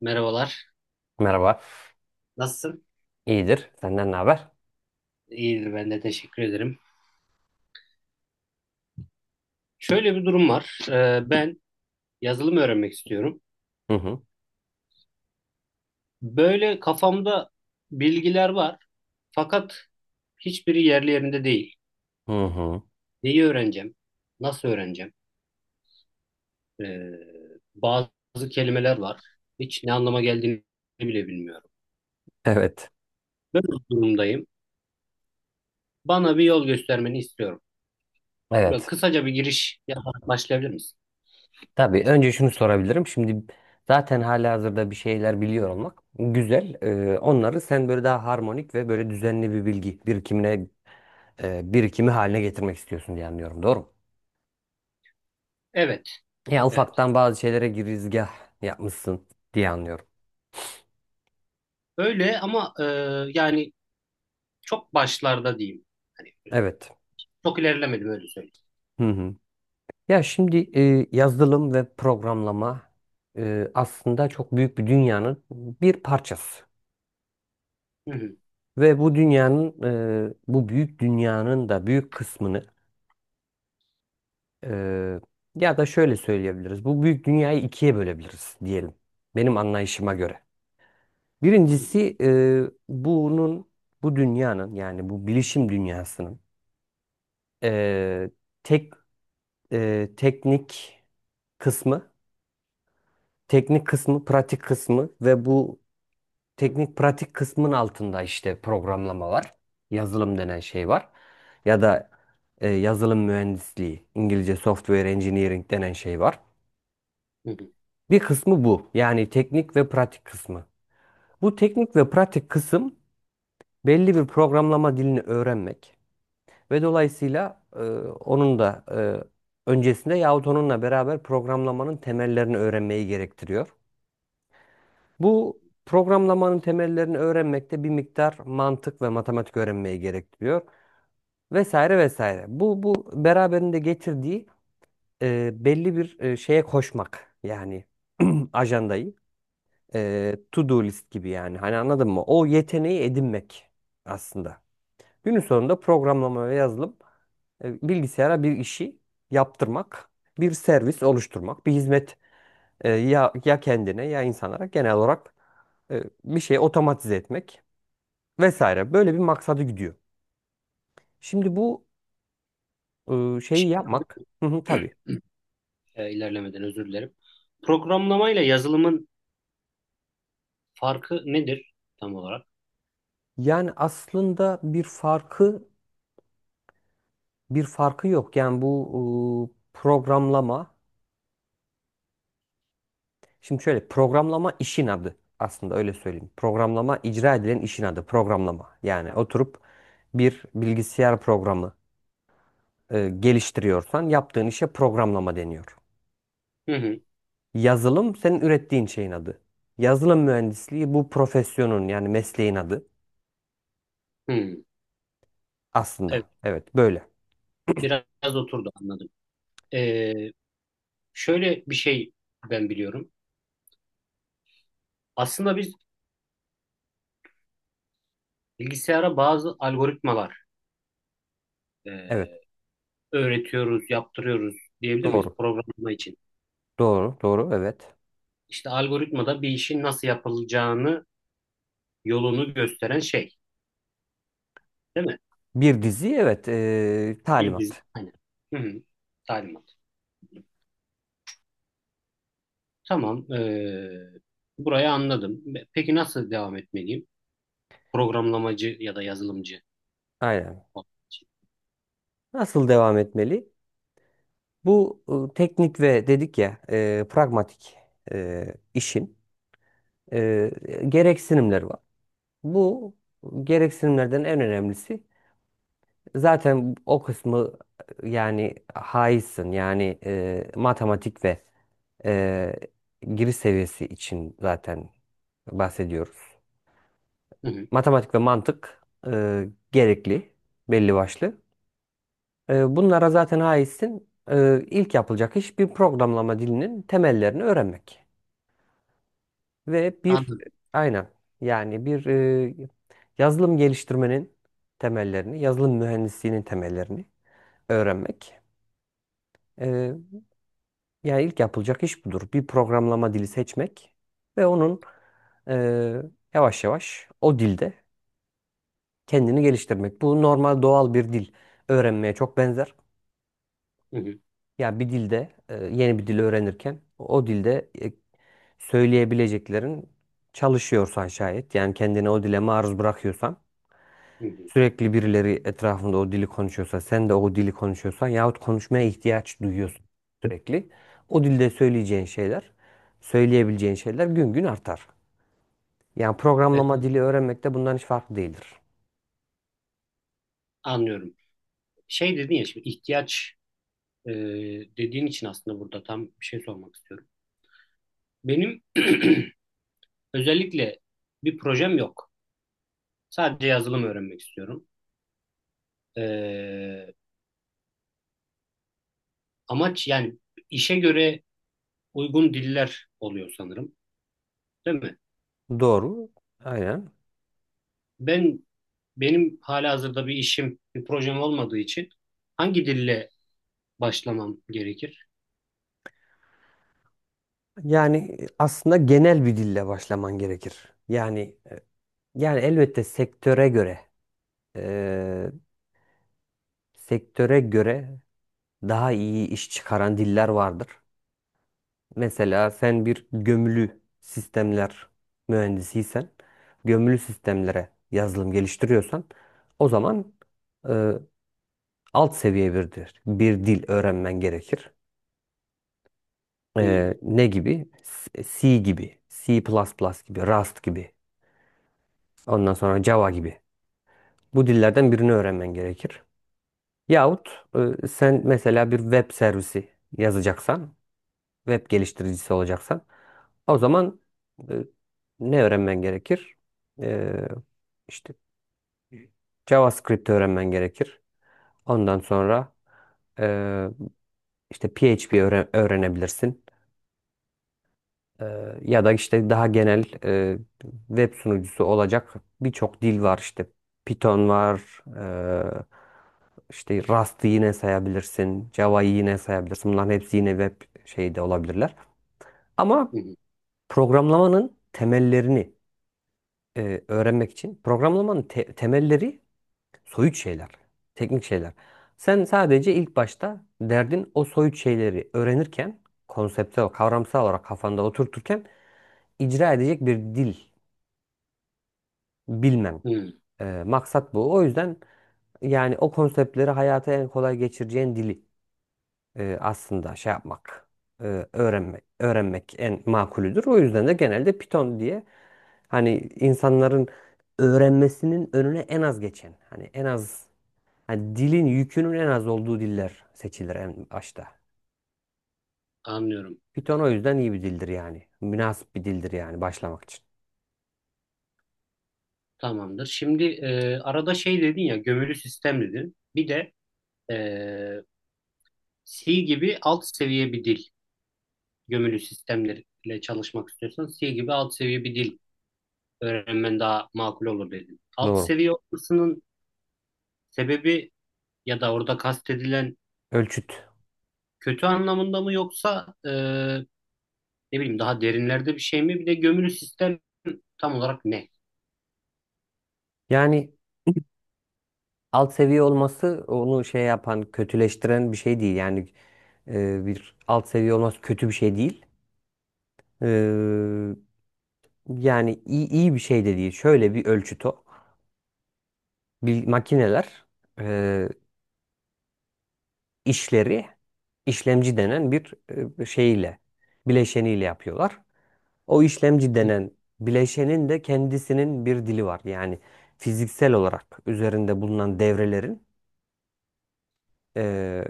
Merhabalar. Merhaba. Nasılsın? İyidir. Senden ne haber? İyidir ben de teşekkür ederim. Şöyle bir durum var. Ben yazılım öğrenmek istiyorum. Hı hı. Böyle kafamda bilgiler var. Fakat hiçbiri yerli yerinde değil. Hı hı. Neyi öğreneceğim? Nasıl öğreneceğim? Ee, Bazı kelimeler var. Hiç ne anlama geldiğini bile bilmiyorum. Evet. Böyle bir durumdayım. Bana bir yol göstermeni istiyorum. Böyle Evet. kısaca bir giriş yaparak başlayabilir misin? Tabii önce şunu sorabilirim. Şimdi zaten halihazırda bir şeyler biliyor olmak güzel. Onları sen böyle daha harmonik ve böyle düzenli bir bilgi birikimine birikimi haline getirmek istiyorsun diye anlıyorum. Doğru mu? Evet, Ya evet. ufaktan bazı şeylere girizgah yapmışsın diye anlıyorum. Öyle ama yani çok başlarda diyeyim. Hani Evet. çok ilerlemedim öyle söyleyeyim. Hı hı. Ya şimdi yazılım ve programlama aslında çok büyük bir dünyanın bir parçası. Hı hı, Ve bu dünyanın, bu büyük dünyanın da büyük kısmını e, ya da şöyle söyleyebiliriz. Bu büyük dünyayı ikiye bölebiliriz diyelim. Benim anlayışıma göre. hı hı, Birincisi bunun, bu dünyanın yani bu bilişim dünyasının e, tek teknik kısmı, teknik kısmı, pratik kısmı ve bu teknik pratik kısmın altında işte programlama var. Yazılım denen şey var. Ya da yazılım mühendisliği, İngilizce software engineering denen şey var. hı hı. Bir kısmı bu. Yani teknik ve pratik kısmı. Bu teknik ve pratik kısım belli bir programlama dilini öğrenmek ve dolayısıyla onun da öncesinde yahut onunla beraber programlamanın temellerini öğrenmeyi gerektiriyor. Bu programlamanın temellerini öğrenmekte bir miktar mantık ve matematik öğrenmeyi gerektiriyor vesaire vesaire. Bu beraberinde getirdiği belli bir şeye koşmak yani ajandayı to-do list gibi yani hani anladın mı? O yeteneği edinmek aslında. Günün sonunda programlama ve yazılım bilgisayara bir işi yaptırmak, bir servis oluşturmak, bir hizmet ya ya kendine ya insanlara genel olarak bir şeyi otomatize etmek. Vesaire böyle bir maksadı gidiyor. Şimdi bu şeyi yapmak. Hı hı, tabii. İlerlemeden özür dilerim. Programlamayla yazılımın farkı nedir tam olarak? Yani aslında bir farkı yok. Yani bu programlama şimdi şöyle, programlama işin adı aslında, öyle söyleyeyim. Programlama icra edilen işin adı programlama. Yani oturup bir bilgisayar programı geliştiriyorsan yaptığın işe programlama deniyor. Hı hı, Yazılım senin ürettiğin şeyin adı. Yazılım mühendisliği bu profesyonun yani mesleğin adı hı. aslında. Evet, Evet böyle. biraz oturdu anladım. Ee, Şöyle bir şey ben biliyorum. Aslında biz bilgisayara bazı algoritmalar Evet. e, öğretiyoruz, yaptırıyoruz diyebilir miyiz Doğru. programlama için? Doğru. Doğru. Evet. İşte algoritmada bir işin nasıl yapılacağını, yolunu gösteren şey, değil mi? Bir dizi evet. Talimat. Aynen. Hı hı. Talimat. Tamam, burayı anladım. Peki nasıl devam etmeliyim? Programlamacı ya da yazılımcı Aynen. olmak için. Nasıl devam etmeli? Bu teknik ve dedik ya pragmatik işin e, gereksinimleri var. Bu gereksinimlerden en önemlisi, zaten o kısmı yani haizsin. Yani matematik ve e, giriş seviyesi için zaten bahsediyoruz. Hı hı, Matematik ve mantık gerekli belli başlı. Bunlara zaten haizsin. İlk yapılacak iş bir programlama dilinin temellerini öğrenmek. Ve bir anladım. aynen yani bir yazılım geliştirmenin temellerini, yazılım mühendisliğinin temellerini öğrenmek. E, Yani ilk yapılacak iş budur. Bir programlama dili seçmek ve onun e, yavaş yavaş o dilde kendini geliştirmek. Bu normal doğal bir dil öğrenmeye çok benzer. Hı hı, Ya bir dilde yeni bir dil öğrenirken o dilde söyleyebileceklerin çalışıyorsan şayet, yani kendini o dile maruz bırakıyorsan, hı hı. sürekli birileri etrafında o dili konuşuyorsa, sen de o dili konuşuyorsan yahut konuşmaya ihtiyaç duyuyorsun sürekli. O dilde söyleyeceğin şeyler, söyleyebileceğin şeyler gün gün artar. Yani Evet, programlama dili öğrenmek de bundan hiç farklı değildir. anlıyorum. Şey dedin ya şimdi ihtiyaç dediğin için aslında burada tam bir şey sormak istiyorum. Benim özellikle bir projem yok. Sadece yazılım öğrenmek istiyorum. Eee, Amaç yani işe göre uygun diller oluyor sanırım, değil mi? Doğru. Aynen. Ben Benim halihazırda bir işim, bir projem olmadığı için hangi dille başlamam gerekir? Yani aslında genel bir dille başlaman gerekir. Yani elbette sektöre göre, eee, sektöre göre daha iyi iş çıkaran diller vardır. Mesela sen bir gömülü sistemler mühendisiysen, gömülü sistemlere yazılım geliştiriyorsan, o zaman e, alt seviye bir dil öğrenmen gerekir. Hmm, E, ne gibi? S- C gibi, C++ gibi, Rust gibi, ondan sonra Java gibi. Bu dillerden birini öğrenmen gerekir. Yahut sen mesela bir web servisi yazacaksan, web geliştiricisi olacaksan o zaman e, ne öğrenmen gerekir? E, işte JavaScript öğrenmen gerekir. Ondan sonra e, işte PHP öğrenebilirsin. E, Ya da işte daha genel, web sunucusu olacak birçok dil var işte. Python var, işte Rust'ı yine sayabilirsin, Java'yı yine sayabilirsin. Bunların hepsi yine web şeyde olabilirler. Ama hmm, programlamanın temellerini öğrenmek için, programlamanın temelleri soyut şeyler, teknik şeyler. Sen sadece ilk başta derdin o soyut şeyleri öğrenirken, konsepte, kavramsal olarak kafanda oturturken icra edecek bir dil bilmen. hmm, Maksat bu. O yüzden yani o konseptleri hayata en kolay geçireceğin dili, aslında şey yapmak, öğrenmek, öğrenmek en makulüdür. O yüzden de genelde Python diye, hani insanların öğrenmesinin önüne en az geçen, hani en az, hani dilin yükünün en az olduğu diller seçilir en başta. anlıyorum. Python o yüzden iyi bir dildir yani. Münasip bir dildir yani başlamak için. Tamamdır. Şimdi arada şey dedin ya, gömülü sistem dedin. Bir de e, C gibi alt seviye bir dil. Gömülü sistemlerle çalışmak istiyorsan C gibi alt seviye bir dil öğrenmen daha makul olur dedin. Alt Doğru. seviye olmasının sebebi ya da orada kastedilen Ölçüt. kötü anlamında mı yoksa ne bileyim daha derinlerde bir şey mi? Bir de gömülü sistem tam olarak ne? Yani alt seviye olması onu şey yapan, kötüleştiren bir şey değil. Yani bir alt seviye olması kötü bir şey değil. E, Yani iyi, iyi bir şey de değil. Şöyle bir ölçüt o. Bil- makineler e, işleri işlemci denen bir şeyle, bileşeniyle yapıyorlar. O işlemci denen bileşenin de kendisinin bir dili var. Yani fiziksel olarak üzerinde bulunan devrelerin e,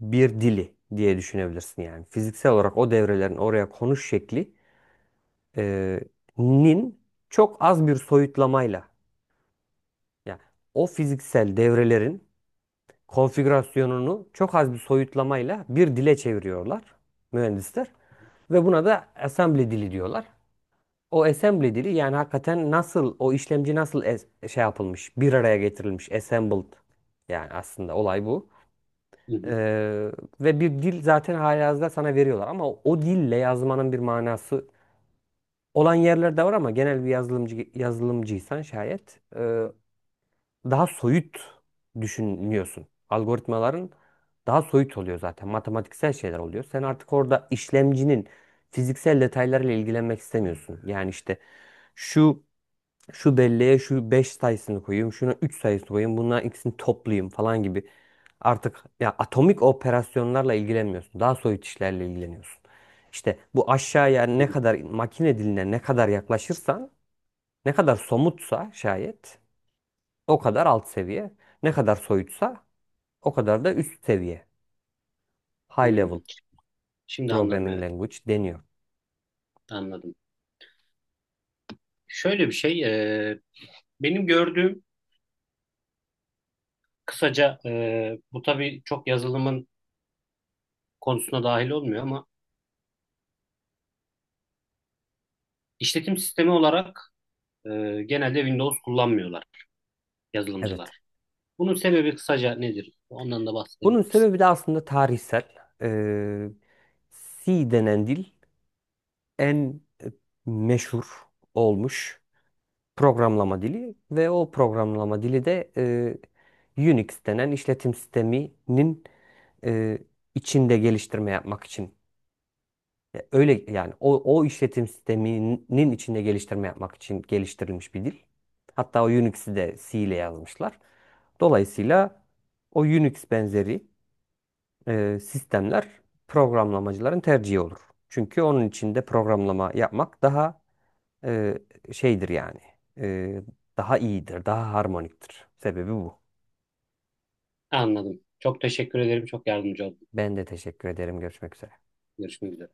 bir dili diye düşünebilirsin. Yani fiziksel olarak o devrelerin oraya konuş şekli e, nin çok az bir soyutlamayla, yani o fiziksel devrelerin konfigürasyonunu çok az bir soyutlamayla bir dile çeviriyorlar mühendisler ve buna da assembly dili diyorlar. O assembly dili, yani hakikaten nasıl o işlemci nasıl es- şey yapılmış, bir araya getirilmiş, assembled, yani aslında olay bu. Hı hı Ee, Ve bir dil zaten halihazırda sana veriyorlar, ama o dille yazmanın bir manası olan yerler de var, ama genel bir yazılımcı yazılımcıysan şayet, daha soyut düşünüyorsun. Algoritmaların daha soyut oluyor zaten. Matematiksel şeyler oluyor. Sen artık orada işlemcinin fiziksel detaylarıyla ilgilenmek istemiyorsun. Yani işte şu şu belleğe şu 5 sayısını koyayım, şuna 3 sayısını koyayım, bunların ikisini toplayayım falan gibi. Artık ya atomik operasyonlarla ilgilenmiyorsun. Daha soyut işlerle ilgileniyorsun. İşte bu, aşağıya ne hı. kadar makine diline ne kadar yaklaşırsan, ne kadar somutsa şayet o kadar alt seviye. Ne kadar soyutsa o kadar da üst seviye. High Hmm. level Şimdi anladım programming evet. language deniyor. Anladım. Şöyle bir şey, e, benim gördüğüm kısaca, bu tabii çok yazılımın konusuna dahil olmuyor ama işletim sistemi olarak e, genelde Windows kullanmıyorlar Evet. yazılımcılar. Bunun sebebi kısaca nedir? Ondan da Bunun bahsedebilir misin? sebebi de aslında tarihsel. Ee, C denen dil en meşhur olmuş programlama dili, ve o programlama dili de Unix denen işletim sisteminin e, içinde geliştirme yapmak için. Öyle yani, o işletim sisteminin içinde geliştirme yapmak için geliştirilmiş bir dil. Hatta o Unix'i de C ile yazmışlar. Dolayısıyla o Unix benzeri sistemler programlamacıların tercihi olur. Çünkü onun içinde programlama yapmak daha e, şeydir yani. E, Daha iyidir, daha harmoniktir. Sebebi bu. Anladım. Çok teşekkür ederim. Çok yardımcı oldun. Ben de teşekkür ederim. Görüşmek üzere. Görüşmek üzere.